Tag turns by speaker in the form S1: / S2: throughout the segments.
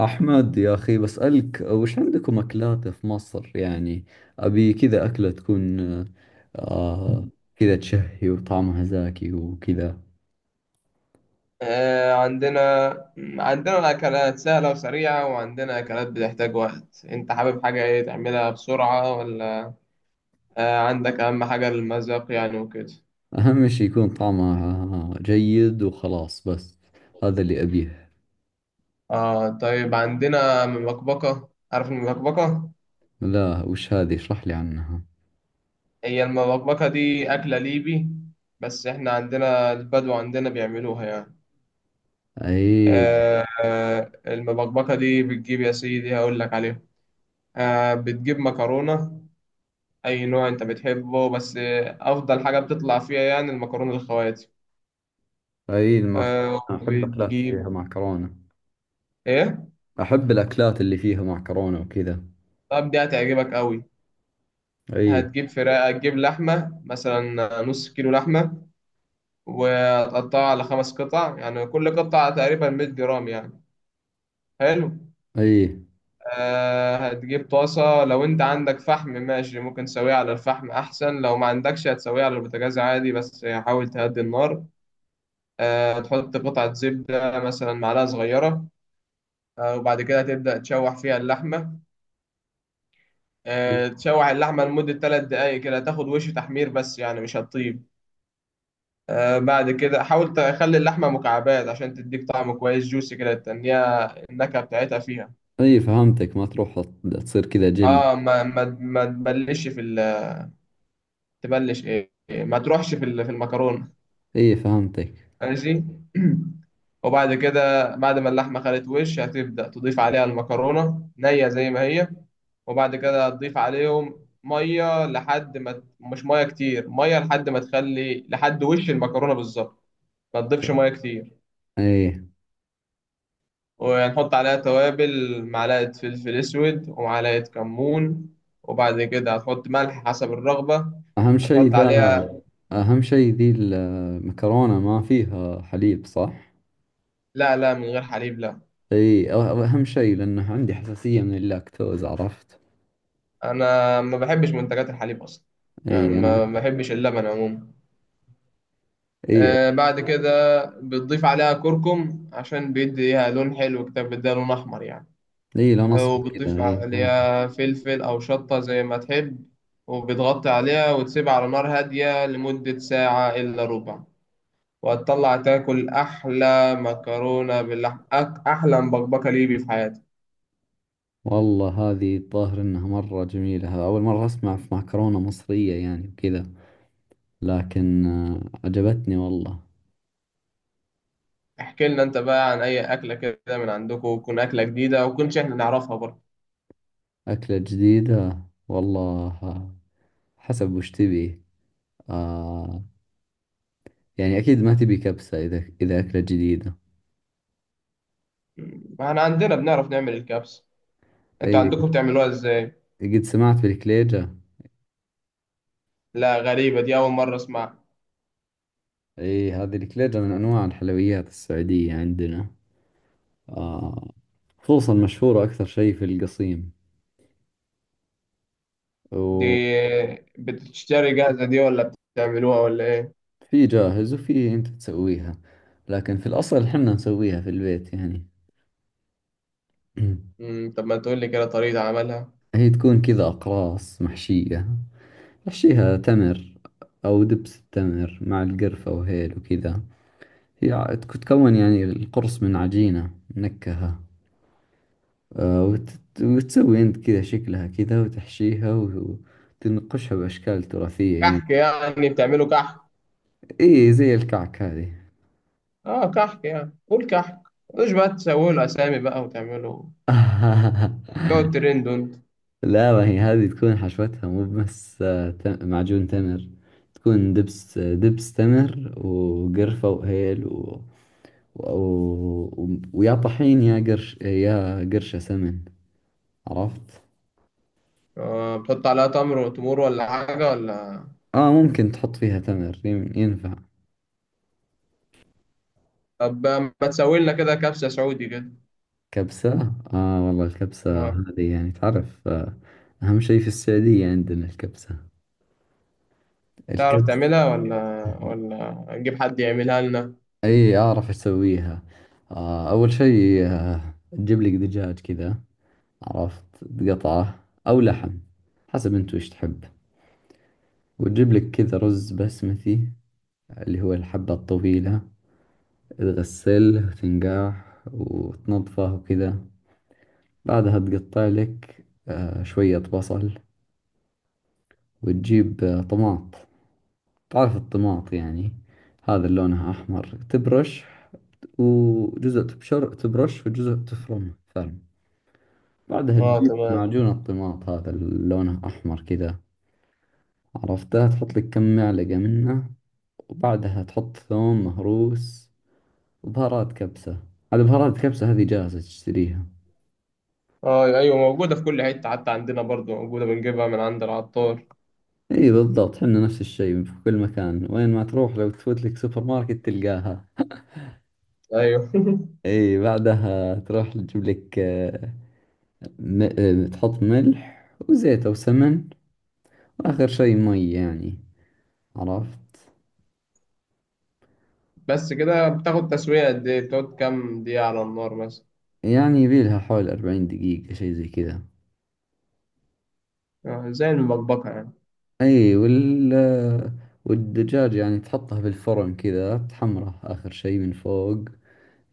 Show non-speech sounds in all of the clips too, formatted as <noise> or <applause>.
S1: أحمد يا أخي، بسألك وش عندكم أكلات في مصر؟ يعني أبي كذا أكلة تكون آه كذا، تشهي وطعمها زاكي وكذا.
S2: آه، عندنا عندنا الأكلات سهلة وسريعة، وعندنا أكلات بتحتاج وقت. أنت حابب حاجة إيه؟ تعملها بسرعة ولا؟ عندك أهم حاجة المذاق يعني وكده.
S1: أهم شي يكون طعمها جيد وخلاص، بس هذا اللي أبيه.
S2: طيب، عندنا مبكبكة. عارف المبكبكة؟
S1: لا، وش هذه؟ اشرح لي عنها.
S2: هي المبكبكة دي أكلة ليبي، بس إحنا عندنا البدو عندنا بيعملوها يعني.
S1: أي.
S2: المبكبكة دي بتجيب يا سيدي هقول لك عليها. بتجيب مكرونة، أي نوع أنت بتحبه، بس أفضل حاجة بتطلع فيها يعني المكرونة الخواتي.
S1: أي، المعكرونة أحب أكلات فيها
S2: بتجيب،
S1: معكرونة.
S2: إيه؟
S1: أحب الأكلات اللي فيها معكرونة وكذا.
S2: طب دي هتعجبك أوي.
S1: أي،
S2: هتجيب فراخ، هتجيب لحمة مثلا، نص كيلو لحمة، وتقطعها على خمس قطع، يعني كل قطعة تقريبا 100 جرام يعني. حلو.
S1: أي،
S2: هتجيب طاسة، لو أنت عندك فحم ماشي ممكن تسويها على الفحم أحسن، لو ما عندكش هتسويها على البوتاجاز عادي، بس حاول تهدي النار. تحط قطعة زبدة مثلا، معلقة صغيرة. وبعد كده تبدأ تشوح فيها اللحمة. تشوح اللحمة لمدة ثلاث دقايق كده، تاخد وش تحمير بس يعني مش هتطيب. بعد كده حاول تخلي اللحمة مكعبات عشان تديك طعم كويس جوسي كده، تنيها النكهة بتاعتها فيها.
S1: أي، فهمتك. ما تروح، تصير كذا جلد.
S2: اه ما تبلش تبلش ايه، ما تروحش في المكرونة.
S1: أي، فهمتك.
S2: ماشي. <clears throat> وبعد كده بعد ما اللحمة خدت وش، هتبدأ تضيف عليها المكرونة نية زي ما هي. وبعد كده هتضيف عليهم مية لحد ما مش مية كتير، مية لحد ما تخلي لحد وش المكرونة بالظبط. ما تضيفش مية كتير.
S1: ايه،
S2: وهنحط عليها توابل، معلقة فلفل أسود ومعلقة كمون. وبعد كده هتحط ملح حسب الرغبة.
S1: اهم شيء
S2: هتحط
S1: حلو ذا.
S2: عليها.
S1: اهم شيء ذي المكرونة ما فيها حليب، صح؟
S2: لا لا، من غير حليب، لا.
S1: اي، اهم شيء لانه عندي حساسية من اللاكتوز، عرفت؟
S2: انا ما بحبش منتجات الحليب اصلا. يعني
S1: اي،
S2: ما
S1: انا.
S2: ما بحبش اللبن عموما.
S1: اي،
S2: بعد كده بتضيف عليها كركم عشان بيديها لون حلو كده، بيديها لون احمر يعني.
S1: اي، لا، نصفة كذا.
S2: وبتضيف
S1: اي.
S2: عليها فلفل او شطة زي ما تحب. وبتغطي عليها وتسيبها على نار هادية لمدة ساعة إلا ربع. وهتطلع تاكل أحلى مكرونة باللحمة، أحلى مبكبكة ليبي في حياتك.
S1: والله، هذه الظاهر انها مرة جميلة. اول مرة اسمع في مكرونة مصرية يعني وكذا، لكن عجبتني والله.
S2: احكي لنا أنت بقى عن أي أكلة كده من عندكم، وتكون أكلة جديدة وكنش إحنا نعرفها برضه.
S1: اكلة جديدة. والله، حسب وش تبي. آه يعني اكيد ما تبي كبسة، اذا اكلة جديدة.
S2: مم. احنا عندنا بنعرف نعمل الكبسة. انت
S1: اي،
S2: عندكم بتعملوها ازاي؟
S1: قد سمعت بالكليجة.
S2: لا، غريبة دي، اول مرة اسمعها.
S1: اي، هذه الكليجة من انواع الحلويات السعودية عندنا. آه خصوصا مشهورة اكثر شيء في القصيم،
S2: دي
S1: وفي...
S2: بتشتري جاهزة دي ولا بتعملوها ولا ايه؟
S1: جاهز وفي انت تسويها، لكن في الاصل حنا نسويها في البيت يعني. <clears throat>
S2: مم. طب ما تقول لي كده طريقة عملها.
S1: هي تكون كذا اقراص محشية، نحشيها تمر او دبس التمر مع القرفة وهيل وكذا. هي تكون يعني القرص من عجينة منكهة. وتسوي أنت كذا شكلها كذا وتحشيها وتنقشها بأشكال تراثية
S2: كحك
S1: يعني.
S2: يعني؟ بتعملوا كحك.
S1: إيه، زي الكعك هذه.
S2: اه كحك، يعني قول كحك، مش بقى تسوي له اسامي بقى وتعملوا، تقعد
S1: <laughs>
S2: ترند انت.
S1: لا، ما هي هذه تكون حشوتها مو بس معجون تمر. تكون دبس دبس تمر وقرفة وهيل و... ويا طحين، يا قرش، يا قرشة سمن، عرفت؟
S2: بتحط عليها تمر وتمور ولا حاجة ولا؟
S1: اه، ممكن تحط فيها تمر، ينفع.
S2: طب ما تسوي لنا كده كبسة سعودي كده.
S1: كبسة. والله الكبسة
S2: آه.
S1: هذه يعني تعرف. أهم شيء في السعودية عندنا الكبسة،
S2: تعرف
S1: الكبسة. <laughs>
S2: تعملها ولا، ولا نجيب حد يعملها لنا؟
S1: أي، أعرف إيش أسويها. أول شيء تجيب لك دجاج كذا، عرفت؟ تقطعه أو لحم، حسب أنت وش تحب. وتجيب لك كذا رز بسمتي، اللي هو الحبة الطويلة. تغسله وتنقعه وتنظفه وكذا. بعدها تقطع لك شوية بصل. وتجيب طماط. تعرف الطماط يعني؟ هذا اللي لونها أحمر، تبرش وجزء، تبرش وجزء تفرمه ثلم. بعدها
S2: اه
S1: تجيب
S2: تمام.
S1: معجون الطماط، هذا اللي لونه أحمر كذا، عرفته؟ تحط لك كم معلقة منه. وبعدها تحط ثوم مهروس، وبهارات كبسة. على بهارات كبسة هذه جاهزة، تشتريها.
S2: اه ايوه، موجوده في كل حته، حتى عندنا برضو موجوده، بنجيبها من عند العطار.
S1: اي، بالضبط، حنا نفس الشيء في كل مكان، وين ما تروح لو تفوت لك سوبر ماركت تلقاها.
S2: ايوه <laughs>
S1: اي، بعدها تروح تجيب لك، آه، م... آه، تحط ملح وزيت أو سمن. وآخر شي مي يعني، عرفت؟
S2: بس كده بتاخد تسويه قد ايه؟ بتقعد كام دقيقه على النار مثلا؟
S1: يعني يبيلها حول 40 دقيقة، شي زي كذا.
S2: زي المبكبكه يعني.
S1: أي، والدجاج يعني تحطه بالفرن كذا، تحمره آخر شي من فوق،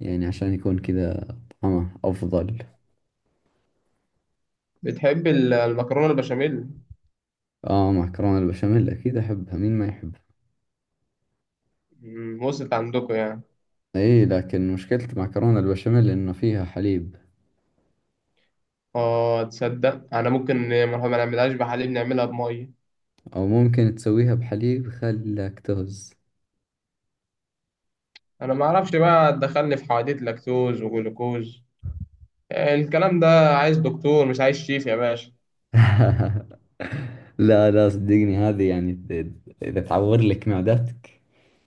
S1: يعني عشان يكون كذا طعمه أفضل.
S2: بتحب المكرونه البشاميل؟
S1: آه، معكرونة البشاميل أكيد أحبها، مين ما يحبها.
S2: مم، وصلت عندكم يعني.
S1: أي، لكن مشكلة معكرونة البشاميل إنه فيها حليب.
S2: اه تصدق، انا ممكن ما نعملهاش بحليب، نعملها بميه.
S1: أو ممكن تسويها بحليب خلاكتوز.
S2: انا ما اعرفش بقى، دخلني في حواديت لاكتوز وجلوكوز، الكلام ده. عايز دكتور مش عايز شيف يا باشا.
S1: لا، لا، صدقني، هذه يعني إذا تعور لك معدتك،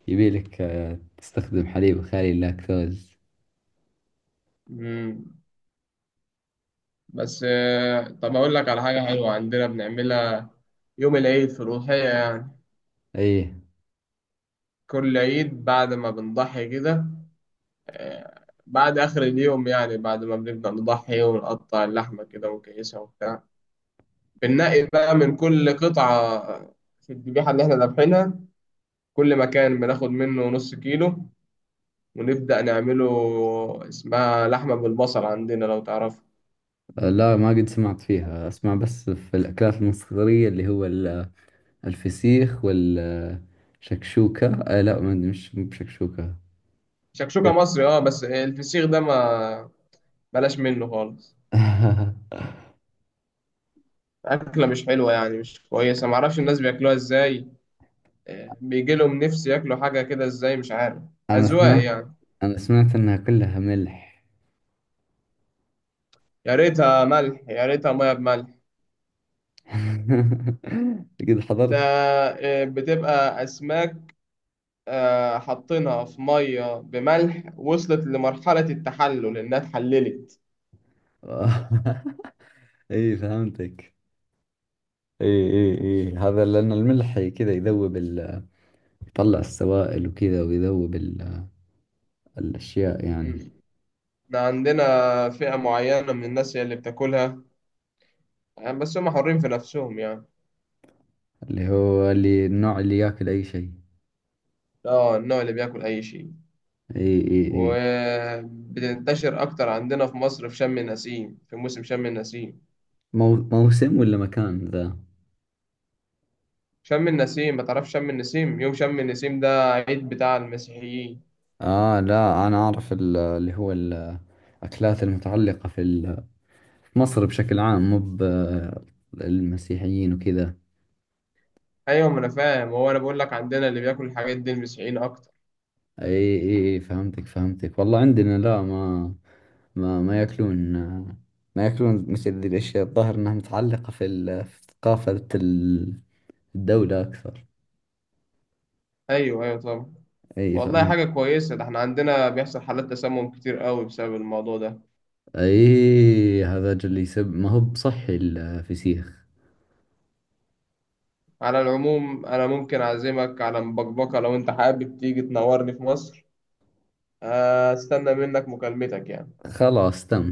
S1: يبيلك تستخدم حليب خالي اللاكتوز.
S2: مم. بس طب أقول لك على حاجة حلوة عندنا بنعملها يوم العيد في الأضحية يعني.
S1: أي،
S2: كل عيد بعد ما بنضحي كده، بعد آخر اليوم يعني، بعد ما بنبدأ نضحي ونقطع اللحمة كده ونكيسها وبتاع، بننقي بقى من كل قطعة في الذبيحة اللي إحنا ذابحينها، كل مكان بناخد منه نص كيلو ونبدأ نعمله. اسمها لحمة بالبصل عندنا لو تعرف.
S1: لا، ما قد سمعت فيها، أسمع بس في الأكلات المصرية، اللي هو الفسيخ والشكشوكة. لا، ما أدري، مش مو بشكشوكة.
S2: شكشوكة مصري اه، بس الفسيخ ده ما، بلاش منه خالص.
S1: <laughs>
S2: أكلة مش حلوة يعني، مش كويسة، معرفش الناس بياكلوها إزاي. بيجي لهم نفس ياكلوا حاجة كده إزاي مش عارف.
S1: أنا
S2: أذواق
S1: سمعت
S2: يعني.
S1: أنا سمعت إنها كلها ملح.
S2: يا ريتها ملح، يا ريتها مية بملح.
S1: <laughs> قد
S2: ده
S1: حضرت.
S2: بتبقى أسماك، حاطينها في مية بملح وصلت لمرحلة التحلل، إنها اتحللت.
S1: <laughs> إي، فهمتك. إي، إي، إي، هذا لأن الملح كذا يذوب، يطلع السوائل وكذا، ويذوب الأشياء يعني.
S2: مم. إحنا عندنا فئة معينة من الناس هي اللي بتاكلها، بس هم حرين في نفسهم يعني.
S1: اللي النوع اللي ياكل أي شيء.
S2: اه النوع اللي بياكل أي شيء.
S1: إي، إي، إي.
S2: وبتنتشر أكتر عندنا في مصر في شم النسيم، في موسم شم النسيم.
S1: مو موسم ولا مكان ذا.
S2: شم النسيم ما تعرفش شم النسيم؟ يوم شم النسيم ده عيد بتاع المسيحيين.
S1: لا، أنا أعرف ال- اللي هو الأكلات المتعلقة في مصر بشكل عام، مو المسيحيين وكذا.
S2: أيوة ما أنا فاهم، هو أنا بقول لك عندنا اللي بياكل الحاجات دي المسيحيين أكتر.
S1: إي، إي، إي، فهمتك، والله عندنا، لا، ما ما ياكلون ما ياكلون مثل ذي الأشياء. الظاهر أنها متعلقة في ثقافة الدولة أكثر.
S2: أيوة أيوة طبعا.
S1: اي،
S2: والله
S1: فهمت.
S2: حاجة كويسة ده، احنا عندنا بيحصل حالات تسمم كتير قوي بسبب الموضوع ده.
S1: ايه، هذا اللي يسب، ما هو بصحي الفسيخ.
S2: على العموم أنا ممكن أعزمك على مبكبكة لو أنت حابب تيجي تنورني في مصر. أستنى منك مكالمتك يعني.
S1: خلاص، تم.